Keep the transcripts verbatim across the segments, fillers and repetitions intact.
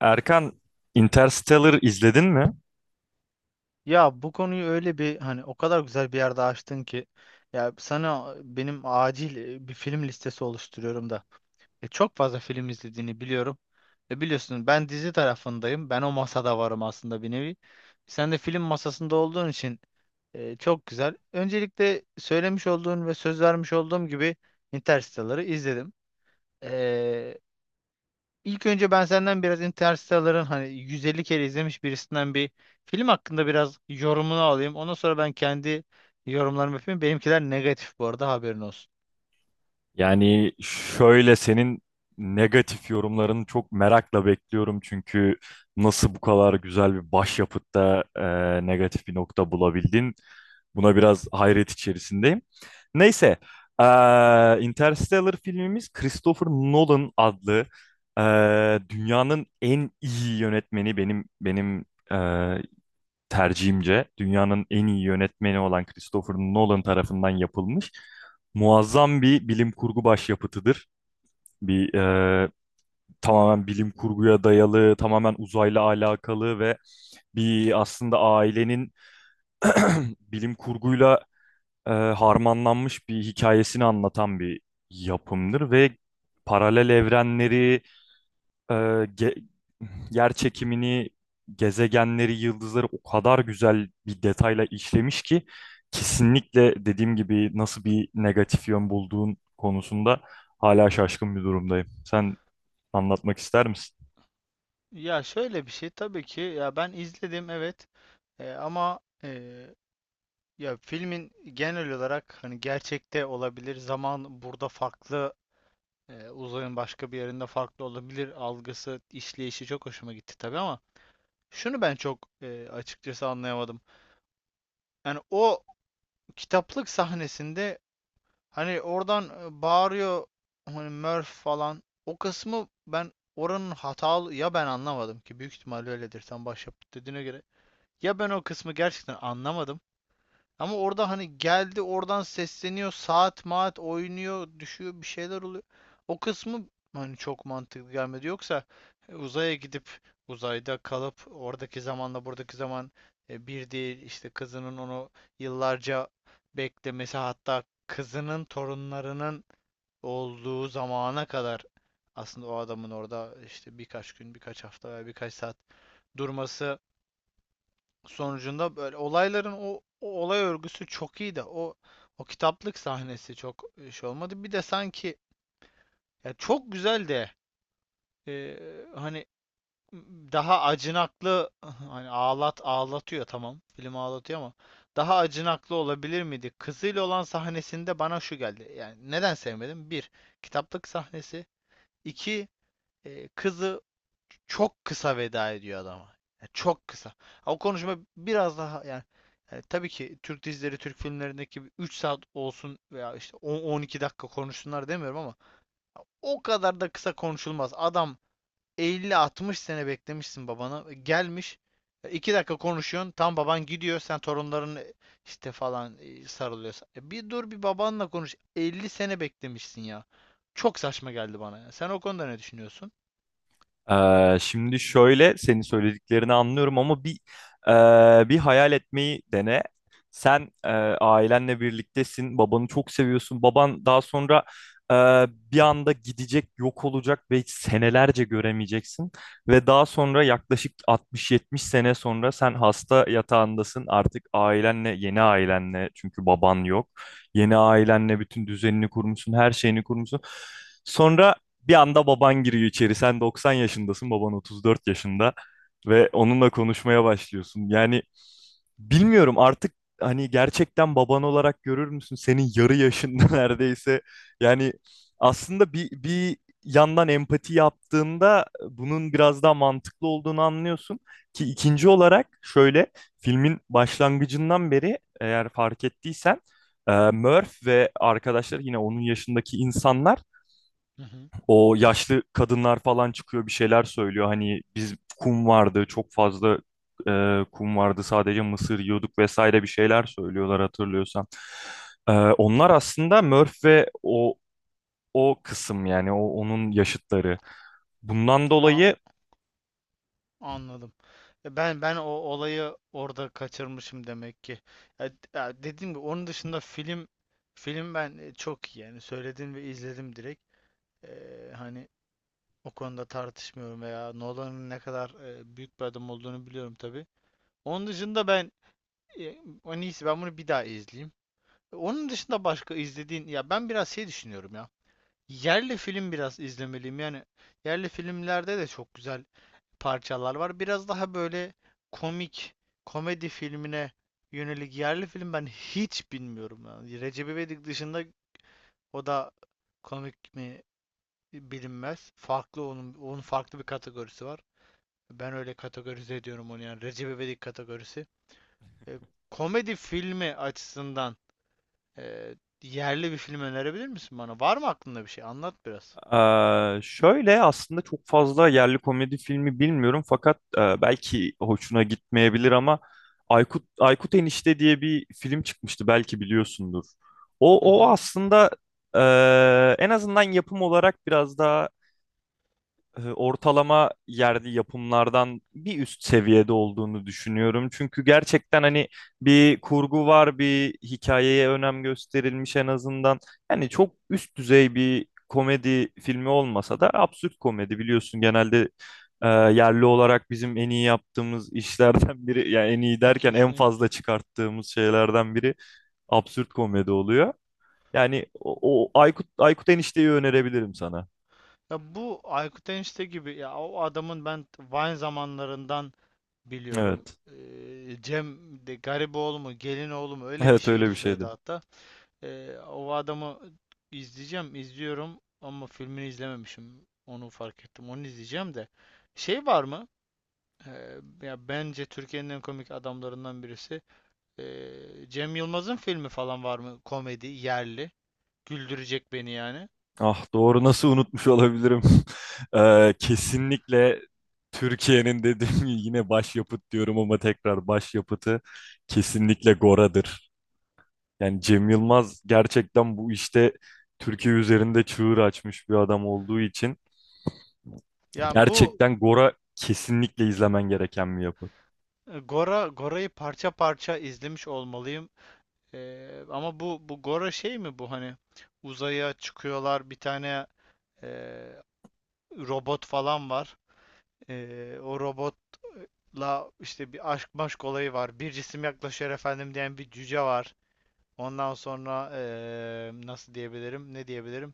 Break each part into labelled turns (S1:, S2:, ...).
S1: Erkan, Interstellar izledin mi?
S2: Ya bu konuyu öyle bir, hani o kadar güzel bir yerde açtın ki, ya sana benim acil e, bir film listesi oluşturuyorum da. E, çok fazla film izlediğini biliyorum. E, biliyorsun ben dizi tarafındayım. Ben o masada varım aslında, bir nevi. Sen de film masasında olduğun için e, çok güzel. Öncelikle söylemiş olduğun ve söz vermiş olduğum gibi Interstellar'ı izledim. İlk önce ben senden biraz Interstellar'ın, hani yüz elli kere izlemiş birisinden, bir film hakkında biraz yorumunu alayım. Ondan sonra ben kendi yorumlarımı yapayım. Benimkiler negatif bu arada, haberin olsun.
S1: Yani şöyle senin negatif yorumlarını çok merakla bekliyorum çünkü nasıl bu kadar güzel bir başyapıtta e, negatif bir nokta bulabildin? Buna biraz hayret içerisindeyim. Neyse, e, Interstellar filmimiz Christopher Nolan adlı e, dünyanın en iyi yönetmeni benim benim e, tercihimce dünyanın en iyi yönetmeni olan Christopher Nolan tarafından yapılmış muazzam bir bilim kurgu başyapıtıdır. Bir e, Tamamen bilim kurguya dayalı, tamamen uzayla alakalı ve bir aslında ailenin bilim kurguyla e, harmanlanmış bir hikayesini anlatan bir yapımdır ve paralel evrenleri, e, ge- yer çekimini, gezegenleri, yıldızları o kadar güzel bir detayla işlemiş ki kesinlikle dediğim gibi nasıl bir negatif yön bulduğun konusunda hala şaşkın bir durumdayım. Sen anlatmak ister misin?
S2: Ya şöyle bir şey, tabii ki ya ben izledim, evet. E, ama e, ya filmin genel olarak, hani, gerçekte olabilir, zaman burada farklı, e, uzayın başka bir yerinde farklı olabilir algısı, işleyişi çok hoşuma gitti tabii, ama şunu ben çok e, açıkçası anlayamadım. Yani o kitaplık sahnesinde hani oradan e, bağırıyor hani Murph falan. O kısmı ben, oranın hatalı ya, ben anlamadım ki, büyük ihtimalle öyledir, sen başyapıt dediğine göre. Ya ben o kısmı gerçekten anlamadım. Ama orada hani geldi oradan sesleniyor, saat maat oynuyor, düşüyor, bir şeyler oluyor. O kısmı hani çok mantıklı gelmedi. Yoksa e, uzaya gidip uzayda kalıp oradaki zamanla buradaki zaman e, bir değil, işte kızının onu yıllarca beklemesi, hatta kızının torunlarının olduğu zamana kadar aslında o adamın orada işte birkaç gün, birkaç hafta veya birkaç saat durması sonucunda böyle olayların, o, o olay örgüsü çok iyi, de o o kitaplık sahnesi çok e, şey olmadı. Bir de sanki, ya çok güzel de e, hani daha acınaklı hani ağlat ağlatıyor, tamam. Film ağlatıyor ama daha acınaklı olabilir miydi? Kızıyla olan sahnesinde bana şu geldi. Yani neden sevmedim? Bir, kitaplık sahnesi. İki, e, kızı çok kısa veda ediyor adama. Yani çok kısa. O konuşma biraz daha, yani, yani tabii ki Türk dizileri, Türk filmlerindeki üç saat olsun veya işte on on iki dakika konuşsunlar demiyorum, ama o kadar da kısa konuşulmaz. Adam, elli altmış sene beklemişsin babana. e, Gelmiş, e, iki dakika konuşuyorsun. Tam baban gidiyor. Sen torunların e, işte falan e, sarılıyorsun. E bir dur, bir babanla konuş. elli sene beklemişsin ya. Çok saçma geldi bana ya. Sen o konuda ne düşünüyorsun?
S1: Ee, şimdi şöyle senin söylediklerini anlıyorum ama bir e, bir hayal etmeyi dene. Sen e, ailenle birliktesin, babanı çok seviyorsun. Baban daha sonra e, bir anda gidecek, yok olacak ve senelerce göremeyeceksin. Ve daha sonra yaklaşık altmış yetmiş sene sonra sen hasta yatağındasın. Artık ailenle, yeni ailenle çünkü baban yok. Yeni ailenle bütün düzenini kurmuşsun, her şeyini kurmuşsun. Sonra bir anda baban giriyor içeri. Sen doksan yaşındasın, baban otuz dört yaşında ve onunla konuşmaya başlıyorsun. Yani bilmiyorum artık hani gerçekten baban olarak görür müsün? Senin yarı yaşında neredeyse. Yani aslında bir, bir yandan empati yaptığında bunun biraz daha mantıklı olduğunu anlıyorsun. Ki ikinci olarak şöyle filmin başlangıcından beri eğer fark ettiysen e, Murph ve arkadaşları yine onun yaşındaki insanlar,
S2: Hı hı.
S1: o yaşlı kadınlar falan çıkıyor bir şeyler söylüyor. Hani biz kum vardı çok fazla e, kum vardı, sadece mısır yiyorduk vesaire bir şeyler söylüyorlar hatırlıyorsan. E, onlar aslında Murph ve o o kısım, yani o onun yaşıtları. Bundan
S2: A-
S1: dolayı
S2: anladım. E, Ben ben o olayı orada kaçırmışım demek ki. Ya, ya dediğim gibi, onun dışında film film ben e, çok iyi, yani söyledim ve izledim direkt. E, hani o konuda tartışmıyorum, veya Nolan'ın ne kadar e, büyük bir adam olduğunu biliyorum tabii. Onun dışında ben e, en iyisi ben bunu bir daha izleyeyim. E, Onun dışında başka izlediğin, ya ben biraz şey düşünüyorum ya. Yerli film biraz izlemeliyim. Yani yerli filmlerde de çok güzel parçalar var. Biraz daha böyle komik, komedi filmine yönelik yerli film ben hiç bilmiyorum. Yani Recep İvedik dışında, o da komik mi bilinmez. Farklı, onun, onun farklı bir kategorisi var. Ben öyle kategorize ediyorum onu, yani. Recep İvedik kategorisi. E, komedi filmi açısından e, yerli bir film önerebilir misin bana? Var mı aklında bir şey? Anlat biraz.
S1: Ee, şöyle aslında çok fazla yerli komedi filmi bilmiyorum fakat e, belki hoşuna gitmeyebilir ama Aykut Aykut Enişte diye bir film çıkmıştı, belki biliyorsundur. O
S2: Hı
S1: o
S2: hı.
S1: aslında e, en azından yapım olarak biraz daha e, ortalama yerli yapımlardan bir üst seviyede olduğunu düşünüyorum. Çünkü gerçekten hani bir kurgu var, bir hikayeye önem gösterilmiş en azından. Yani çok üst düzey bir komedi filmi olmasa da absürt komedi biliyorsun genelde e, yerli olarak bizim en iyi yaptığımız işlerden biri, yani en iyi derken en
S2: Kesinlikle.
S1: fazla çıkarttığımız şeylerden biri absürt komedi oluyor. Yani o, o Aykut Aykut Enişte'yi önerebilirim sana.
S2: Ya bu Aykut Enişte gibi, ya o adamın, ben Vine zamanlarından biliyorum.
S1: Evet.
S2: Ee, Cem de Gariboğlu mu, Gelinoğlu mu, öyle bir
S1: Evet öyle
S2: şeydi
S1: bir
S2: soyadı
S1: şeydi.
S2: hatta. Ee, o adamı izleyeceğim, izliyorum ama filmini izlememişim. Onu fark ettim. Onu izleyeceğim de. Şey var mı? Ee, ya bence Türkiye'nin en komik adamlarından birisi. Ee, Cem Yılmaz'ın filmi falan var mı? Komedi, yerli. Güldürecek beni, yani.
S1: Ah doğru, nasıl unutmuş olabilirim? Eee, kesinlikle Türkiye'nin dediğim gibi yine başyapıt diyorum ama tekrar başyapıtı kesinlikle Gora'dır. Yani Cem Yılmaz gerçekten bu işte Türkiye üzerinde çığır açmış bir adam olduğu için
S2: Yani bu,
S1: gerçekten Gora kesinlikle izlemen gereken bir yapı.
S2: E, Gora Gora'yı parça parça izlemiş olmalıyım. Eee, ama bu bu Gora şey mi bu, hani uzaya çıkıyorlar, bir tane eee, robot falan var. Eee, o robotla işte bir aşk maşk olayı var. Bir cisim yaklaşıyor efendim diyen bir cüce var. Ondan sonra eee, nasıl diyebilirim? Ne diyebilirim?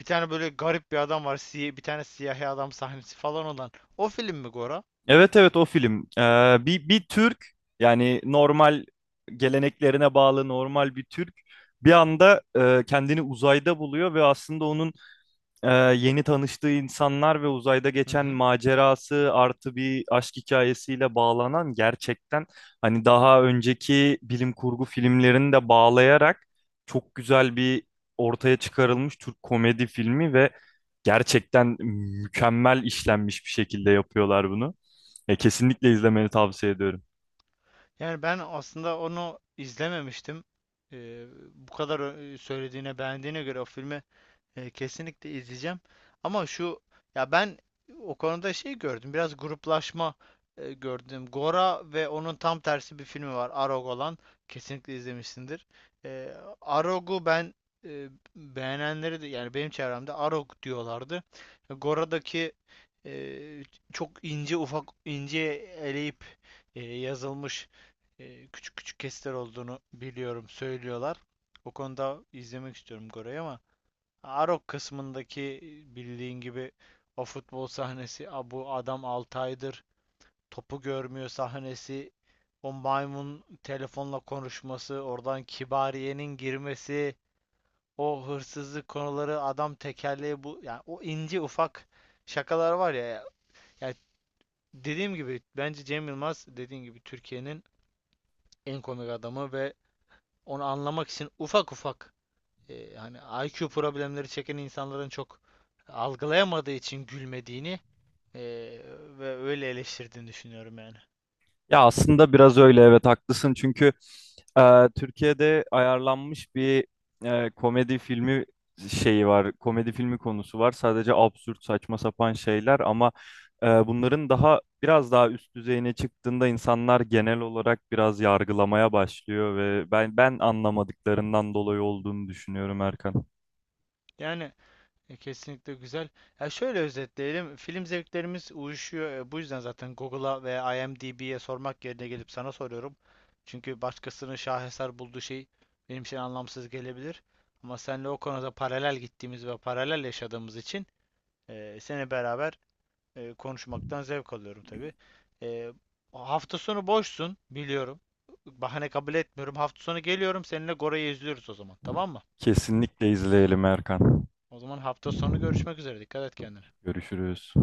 S2: Bir tane böyle garip bir adam var. Siy bir tane siyahi adam sahnesi falan olan. O film mi, Gora?
S1: Evet, evet, o film. Eee, bir, bir Türk, yani normal geleneklerine bağlı normal bir Türk bir anda e, kendini uzayda buluyor ve aslında onun e, yeni tanıştığı insanlar ve uzayda
S2: Hı
S1: geçen
S2: hı.
S1: macerası artı bir aşk hikayesiyle bağlanan, gerçekten hani daha önceki bilim kurgu filmlerini de bağlayarak çok güzel bir ortaya çıkarılmış Türk komedi filmi ve gerçekten mükemmel işlenmiş bir şekilde yapıyorlar bunu. E, kesinlikle izlemeni tavsiye ediyorum.
S2: Yani ben aslında onu izlememiştim. Ee, bu kadar ö- söylediğine, beğendiğine göre o filmi e, kesinlikle izleyeceğim. Ama şu, ya ben o konuda şey gördüm. Biraz gruplaşma e, gördüm. Gora ve onun tam tersi bir filmi var. Arog olan. Kesinlikle izlemişsindir. E, Arog'u ben, e, beğenenleri de, yani benim çevremde Arog diyorlardı. Gora'daki e, çok ince ufak, ince eleyip e, yazılmış, e, küçük küçük kesitler olduğunu biliyorum, söylüyorlar. O konuda izlemek istiyorum Gora'yı, ama Arok kısmındaki, e, bildiğin gibi, o futbol sahnesi, "A bu adam altı aydır topu görmüyor" sahnesi, o maymun telefonla konuşması, oradan Kibariye'nin girmesi, o hırsızlık konuları, adam tekerleği bu, yani o ince ufak şakalar var ya. Yani dediğim gibi, bence Cem Yılmaz, dediğim gibi, Türkiye'nin en komik adamı ve onu anlamak için, ufak ufak, e, hani I Q problemleri çeken insanların çok algılayamadığı için gülmediğini, e, ve öyle eleştirdiğini düşünüyorum yani.
S1: Ya aslında biraz öyle, evet, haklısın çünkü e, Türkiye'de ayarlanmış bir e, komedi filmi şeyi var. Komedi filmi konusu var. Sadece absürt saçma sapan şeyler ama e, bunların daha biraz daha üst düzeyine çıktığında insanlar genel olarak biraz yargılamaya başlıyor ve ben ben anlamadıklarından dolayı olduğunu düşünüyorum Erkan.
S2: Yani e, kesinlikle güzel. Ya şöyle özetleyelim. Film zevklerimiz uyuşuyor. E, bu yüzden zaten Google'a ve IMDb'ye sormak yerine gelip sana soruyorum. Çünkü başkasının şaheser bulduğu şey benim için anlamsız gelebilir. Ama senle o konuda paralel gittiğimiz ve paralel yaşadığımız için e, seni, beraber E, konuşmaktan zevk alıyorum tabii. E, hafta sonu boşsun, biliyorum. Bahane kabul etmiyorum. Hafta sonu geliyorum, seninle Gora'yı izliyoruz o zaman. Tamam mı?
S1: Kesinlikle izleyelim Erkan.
S2: O zaman hafta sonu görüşmek üzere. Dikkat et kendine.
S1: Görüşürüz.